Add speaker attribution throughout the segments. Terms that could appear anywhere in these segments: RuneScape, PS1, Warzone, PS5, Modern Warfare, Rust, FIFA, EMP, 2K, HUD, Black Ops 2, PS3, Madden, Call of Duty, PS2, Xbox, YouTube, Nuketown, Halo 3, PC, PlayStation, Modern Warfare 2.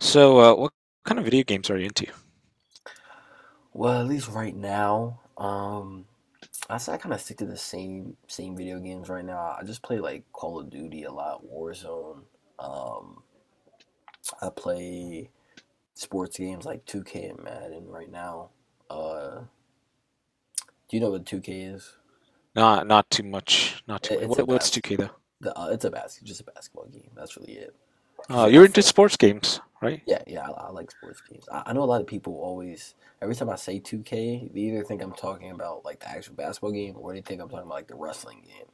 Speaker 1: So, what kind of video games are you into?
Speaker 2: Well, at least right now, I say I kind of stick to the same video games right now. I just play like Call of Duty a lot, Warzone. Um, I play sports games like 2K and Madden right now. Uh, do you know what 2K is?
Speaker 1: Not too much. Not too
Speaker 2: It,
Speaker 1: much.
Speaker 2: it's a
Speaker 1: What's
Speaker 2: bas
Speaker 1: 2K though?
Speaker 2: the just a basketball game. That's really it.
Speaker 1: Uh,
Speaker 2: Because I
Speaker 1: you're
Speaker 2: feel
Speaker 1: into
Speaker 2: like—
Speaker 1: sports games, right?
Speaker 2: yeah, yeah, I like sports games. I know a lot of people always every time I say 2K, they either think I'm talking about like the actual basketball game or they think I'm talking about like the wrestling game.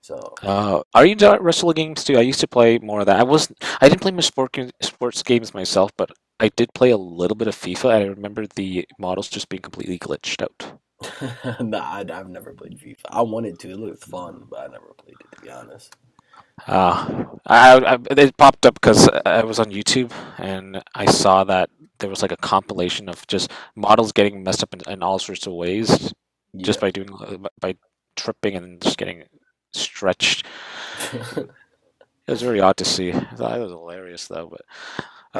Speaker 2: So,
Speaker 1: Are you into wrestling games too? I used to play more of that. I wasn't. I didn't play much sports games myself, but I did play a little bit of FIFA. I remember the models just being completely glitched out.
Speaker 2: nah, have never played FIFA. I wanted to. It looked fun, but I never played it to be honest.
Speaker 1: I it popped up because I was on YouTube, and I saw that there was like a compilation of just models getting messed up in all sorts of ways,
Speaker 2: Yeah.
Speaker 1: just by tripping and just getting stretched. And it was very odd to see. I thought it was hilarious though,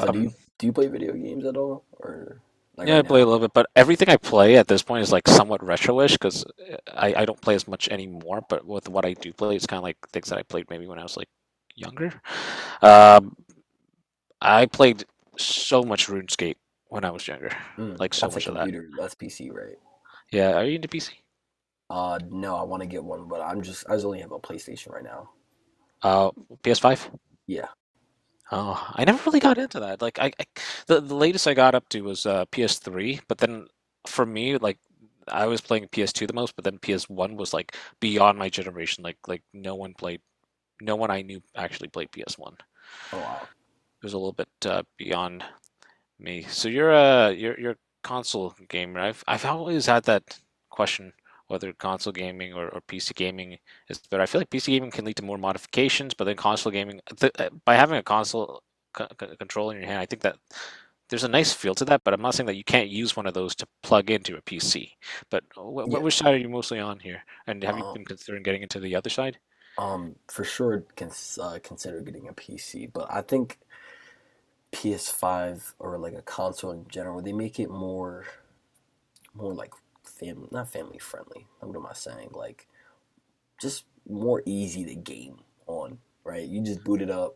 Speaker 2: So do
Speaker 1: Um,
Speaker 2: you do you play video games at all, or like
Speaker 1: Yeah,
Speaker 2: right
Speaker 1: I play a
Speaker 2: now?
Speaker 1: little bit, but everything I play at this point is like somewhat retro-ish because I don't play as much anymore. But with what I do play, it's kind of like things that I played maybe when I was like younger. Um, I played so much RuneScape when I was younger,
Speaker 2: Mm,
Speaker 1: like so
Speaker 2: that's a
Speaker 1: much of that.
Speaker 2: computer. That's PC, right?
Speaker 1: Yeah, are you into PC?
Speaker 2: No, I want to get one, but I just only have a PlayStation right now.
Speaker 1: Uh, PS5?
Speaker 2: Yeah.
Speaker 1: Oh, I never really got into that. Like I the latest I got up to was PS3, but then for me, like I was playing PS2 the most, but then PS1 was like beyond my generation. Like no one I knew actually played PS1. It
Speaker 2: Oh wow.
Speaker 1: was a little bit beyond me. So you're a console gamer. I've always had that question, whether console gaming or PC gaming is better. I feel like PC gaming can lead to more modifications, but then console gaming th by having a console control in your hand, I think that there's a nice feel to that. But I'm not saying that you can't use one of those to plug into a PC. But wh wh
Speaker 2: Yeah.
Speaker 1: which side are you mostly on here? And have you
Speaker 2: Um.
Speaker 1: been considering getting into the other side?
Speaker 2: For sure, consider getting a PC, but I think PS5 or like a console in general, they make it more like family, not family friendly. What am I saying? Like just more easy to game on, right? You just boot it up.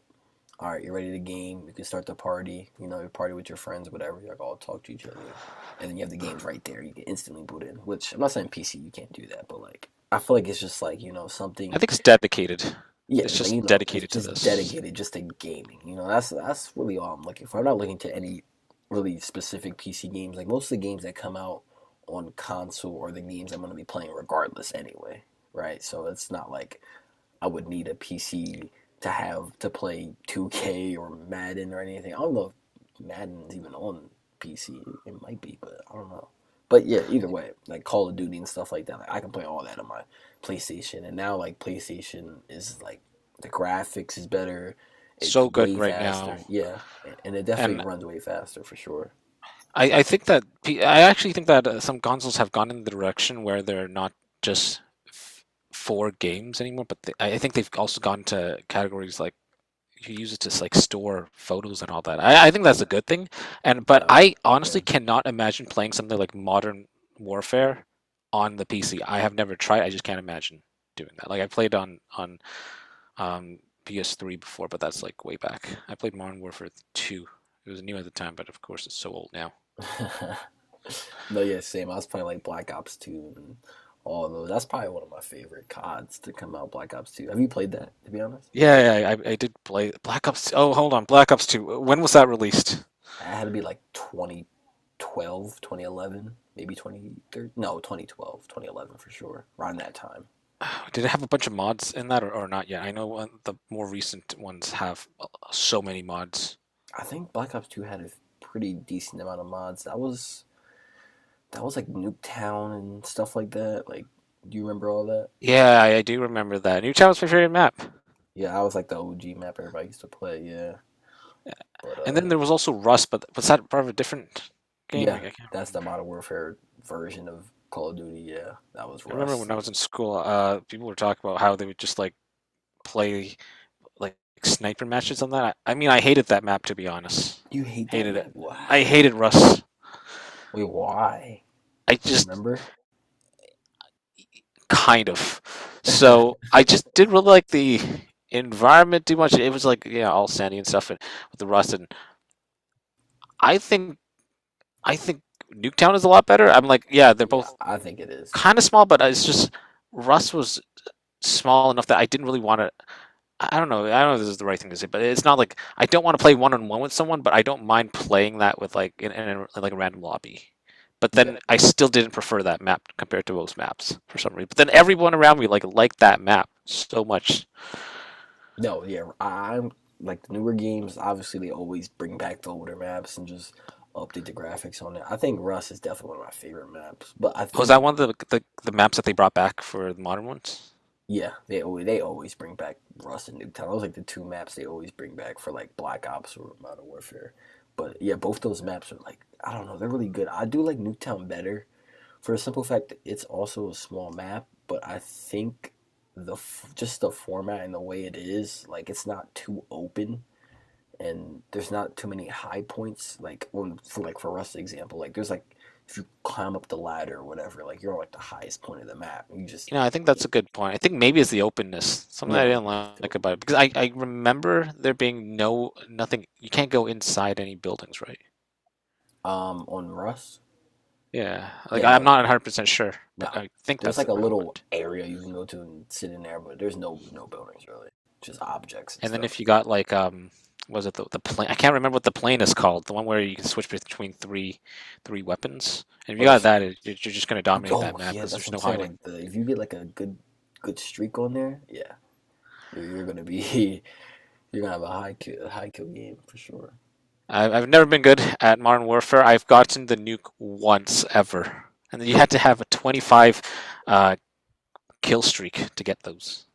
Speaker 2: All right, you're ready to game. You can start the party. You know, you party with your friends, whatever. You like all talk to each other, and then you have the games right there. You can instantly boot in. Which I'm not saying PC you can't do that, but like I feel like it's just like
Speaker 1: I
Speaker 2: something.
Speaker 1: think it's dedicated.
Speaker 2: Yeah,
Speaker 1: It's
Speaker 2: like,
Speaker 1: just
Speaker 2: it's
Speaker 1: dedicated to
Speaker 2: just
Speaker 1: this.
Speaker 2: dedicated just to gaming. That's really all I'm looking for. I'm not looking to any really specific PC games. Like most of the games that come out on console are the games I'm going to be playing regardless anyway, right? So it's not like I would need a PC to have to play 2K or Madden or anything. I don't know if Madden's even on PC. It might be, but I don't know. But yeah, either way, like Call of Duty and stuff like that, like, I can play all that on my PlayStation. And now like PlayStation is like the graphics is better. It's
Speaker 1: So good
Speaker 2: way
Speaker 1: right now.
Speaker 2: faster. Yeah, and it definitely
Speaker 1: And
Speaker 2: runs way faster for sure.
Speaker 1: I, I think that I actually think that some consoles have gone in the direction where they're not just f- for games anymore, but I think they've also gone to categories like you use it to like store photos and all that. I think that's a good thing. And but
Speaker 2: Yeah,
Speaker 1: I honestly
Speaker 2: sure.
Speaker 1: cannot imagine playing something like Modern Warfare on the PC. I have never tried. I just can't imagine doing that. Like I played on um, PS3 before, but that's like way back. I played Modern Warfare 2. It was new at the time, but of course it's so old now.
Speaker 2: No, yeah, same. I was playing like Black Ops 2 and all those. That's probably one of my favorite CODs to come out, Black Ops 2. Have you played that, to be honest?
Speaker 1: Yeah, yeah, I did play Black Ops. Oh, hold on, Black Ops 2. When was that released?
Speaker 2: I had to be like 2012, 2011, maybe 2013. No, 2012, 2011 for sure, around that time.
Speaker 1: Did it have a bunch of mods in that, or not yet? I know one, the more recent ones have so many mods.
Speaker 2: I think Black Ops 2 had a pretty decent amount of mods. That was like Nuketown and stuff like that. Like, do you remember all that?
Speaker 1: Yeah, I do remember that. Newtown was my favorite map.
Speaker 2: Yeah, I was like the OG map everybody used to play, yeah. But
Speaker 1: And then there was also Rust, but was that part of a different game?
Speaker 2: Yeah,
Speaker 1: Like, I can't
Speaker 2: that's the
Speaker 1: remember.
Speaker 2: Modern Warfare version of Call of Duty. Yeah, that was
Speaker 1: I remember
Speaker 2: Rust.
Speaker 1: when I
Speaker 2: And
Speaker 1: was in school, people were talking about how they would just like play like sniper matches on that. I mean, I hated that map to be honest.
Speaker 2: you hate that
Speaker 1: Hated it.
Speaker 2: map?
Speaker 1: I
Speaker 2: Why?
Speaker 1: hated Russ.
Speaker 2: Wait, why?
Speaker 1: I
Speaker 2: You
Speaker 1: just
Speaker 2: remember?
Speaker 1: kind of. So I just didn't really like the environment too much. It was like yeah, all sandy and stuff, and with the Rust. And I think I think Nuketown is a lot better. I'm like yeah, they're
Speaker 2: Yeah,
Speaker 1: both
Speaker 2: I think it is
Speaker 1: kind
Speaker 2: too.
Speaker 1: of small, but it's just Rust was small enough that I didn't really want to. I don't know. I don't know if this is the right thing to say, but it's not like I don't want to play one on one with someone, but I don't mind playing that with like in, a, in like a random lobby. But
Speaker 2: Yeah.
Speaker 1: then I still didn't prefer that map compared to most maps for some reason. But then everyone around me like liked that map so much.
Speaker 2: No, yeah, I'm like, the newer games, obviously they always bring back the older maps and just update the graphics on it. I think Rust is definitely one of my favorite maps, but I
Speaker 1: Was that
Speaker 2: think—
Speaker 1: one of the maps that they brought back for the modern ones?
Speaker 2: yeah, they always bring back Rust and Nuketown. Those are like the two maps they always bring back for like Black Ops or Modern Warfare. But yeah, both those maps are like, I don't know, they're really good. I do like Nuketown better for a simple fact that it's also a small map, but I think just the format and the way it is, like it's not too open and there's not too many high points. Like, on for like for Rust example, like there's like if you climb up the ladder or whatever, like you're on like the highest point of the map and you just
Speaker 1: You know, I think that's
Speaker 2: can't.
Speaker 1: a good point. I think maybe it's the openness, something
Speaker 2: Yeah,
Speaker 1: I
Speaker 2: the
Speaker 1: didn't
Speaker 2: openness too.
Speaker 1: like about it, because I remember there being no nothing. You can't go inside any buildings, right?
Speaker 2: On Rust?
Speaker 1: Yeah, like
Speaker 2: Yeah, no,
Speaker 1: I'm not 100% sure,
Speaker 2: no.
Speaker 1: but I think
Speaker 2: There's
Speaker 1: that's
Speaker 2: like a
Speaker 1: how it
Speaker 2: little
Speaker 1: went.
Speaker 2: area you can go to and sit in there, but there's no buildings really. Just objects and
Speaker 1: And then
Speaker 2: stuff.
Speaker 1: if you got like what was it, the plane? I can't remember what the plane is called. The one where you can switch between three weapons. And if
Speaker 2: Oh,
Speaker 1: you got
Speaker 2: there's.
Speaker 1: that, you're just going to dominate that
Speaker 2: Oh
Speaker 1: map
Speaker 2: yeah,
Speaker 1: because
Speaker 2: that's
Speaker 1: there's
Speaker 2: what I'm
Speaker 1: no
Speaker 2: saying.
Speaker 1: hiding.
Speaker 2: Like, the if you get like a good streak on there, yeah, you're gonna be you're gonna have a high kill game for sure.
Speaker 1: I've never been good at Modern Warfare. I've gotten the nuke once ever, and then you had to have a 25 uh, kill streak to get those.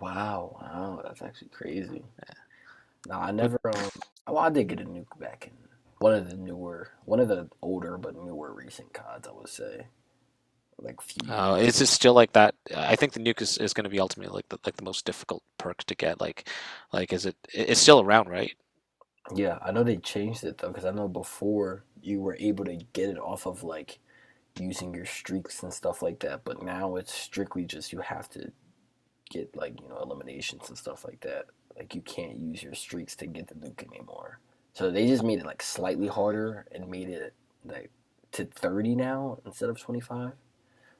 Speaker 2: Wow, wow, that's actually crazy. No, I
Speaker 1: But
Speaker 2: never. Well, I did get a nuke back in one of the newer, one of the older but newer recent CODs. I would say like few years.
Speaker 1: Is it still like that? I think the nuke is going to be ultimately like the most difficult perk to get. Like is it? It's still around, right?
Speaker 2: Yeah, I know they changed it though, because I know before you were able to get it off of like using your streaks and stuff like that, but now it's strictly just you have to get like, eliminations and stuff like that. Like you can't use your streaks to get the nuke anymore. So they just made it like slightly harder and made it like to 30 now instead of 25.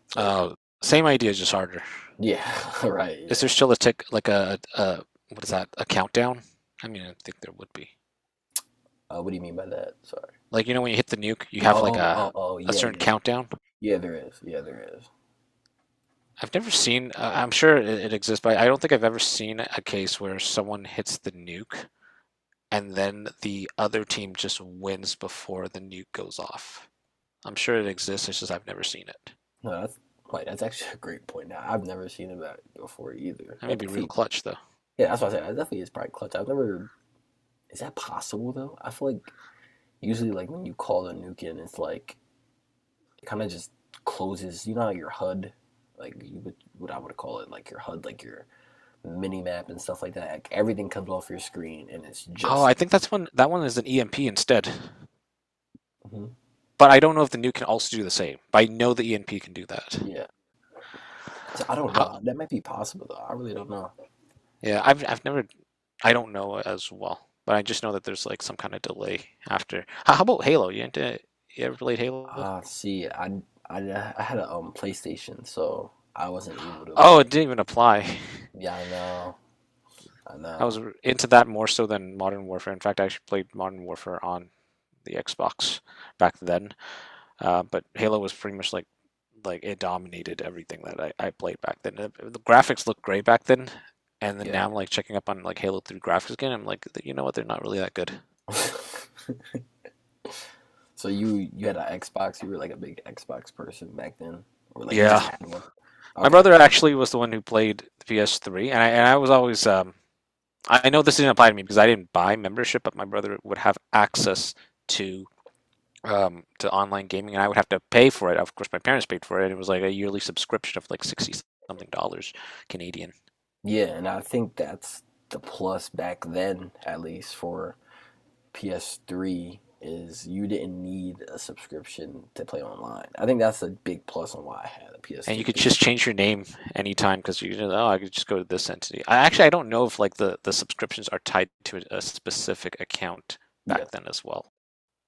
Speaker 2: So
Speaker 1: Uh, same idea, just harder.
Speaker 2: yeah, right,
Speaker 1: Is
Speaker 2: yeah.
Speaker 1: there still a tick like a what is that? A countdown? I mean, I think there would be.
Speaker 2: What do you mean by that? Sorry.
Speaker 1: Like when you hit the nuke, you have like
Speaker 2: Oh, oh,
Speaker 1: a
Speaker 2: oh,
Speaker 1: a
Speaker 2: yeah,
Speaker 1: certain
Speaker 2: yeah.
Speaker 1: countdown.
Speaker 2: Yeah, there is. Yeah, there is.
Speaker 1: I've never seen. I'm sure it exists, but I don't think I've ever seen a case where someone hits the nuke and then the other team just wins before the nuke goes off. I'm sure it exists. It's just I've never seen it.
Speaker 2: No, that's actually a great point. Now I've never seen him that before either.
Speaker 1: That may
Speaker 2: That
Speaker 1: be real
Speaker 2: definitely,
Speaker 1: clutch though.
Speaker 2: yeah, that's what I said. That definitely is probably clutch. I've never. Is that possible though? I feel like usually like when you call the nuke in, it's like it kind of just closes. You know, how your HUD, like, you would what I would call it, like your HUD, like your mini map and stuff like that. Like everything comes off your screen and it's
Speaker 1: Oh,
Speaker 2: just—
Speaker 1: I think that's one. That one is an EMP instead.
Speaker 2: mhm.
Speaker 1: But I don't know if the nuke can also do the same. But I know the EMP can do that.
Speaker 2: Yeah. So I don't
Speaker 1: How,
Speaker 2: know. That might be possible though. I really don't know.
Speaker 1: yeah, I've never. I don't know as well. But I just know that there's like some kind of delay after. How about Halo? You, didn't- You ever played Halo?
Speaker 2: Ah, see, I had a PlayStation, so I wasn't able to
Speaker 1: Oh,
Speaker 2: play.
Speaker 1: it didn't even apply.
Speaker 2: Yeah, I know. I
Speaker 1: I was
Speaker 2: know.
Speaker 1: into that more so than Modern Warfare. In fact, I actually played Modern Warfare on the Xbox back then. But Halo was pretty much like it dominated everything that I played back then. The graphics looked great back then, and then
Speaker 2: Yeah.
Speaker 1: now I'm like checking up on like Halo 3 graphics again. I'm like, you know what? They're not really that good.
Speaker 2: So you had an Xbox, you were like a big Xbox person back then, or like you just—
Speaker 1: Yeah,
Speaker 2: yeah, had one.
Speaker 1: my
Speaker 2: Okay.
Speaker 1: brother actually was the one who played the PS3, and I was always I know this didn't apply to me because I didn't buy membership, but my brother would have access to to online gaming, and I would have to pay for it. Of course, my parents paid for it. It was like a yearly subscription of like sixty something dollars Canadian,
Speaker 2: Yeah, and I think that's the plus back then, at least for PS3, is you didn't need a subscription to play online. I think that's a big plus on why I had a
Speaker 1: and you
Speaker 2: PS3,
Speaker 1: could just
Speaker 2: because
Speaker 1: change your name anytime because oh, I could just go to this entity. I don't know if like the subscriptions are tied to a specific account
Speaker 2: yeah,
Speaker 1: back then as well.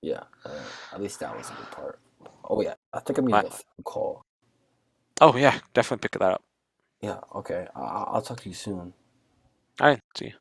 Speaker 2: yeah, at least that was a good part. Oh yeah, I think I'm getting
Speaker 1: My,
Speaker 2: a phone call.
Speaker 1: oh yeah, definitely pick that up.
Speaker 2: Yeah, okay. I'll talk to you soon.
Speaker 1: All right, see you.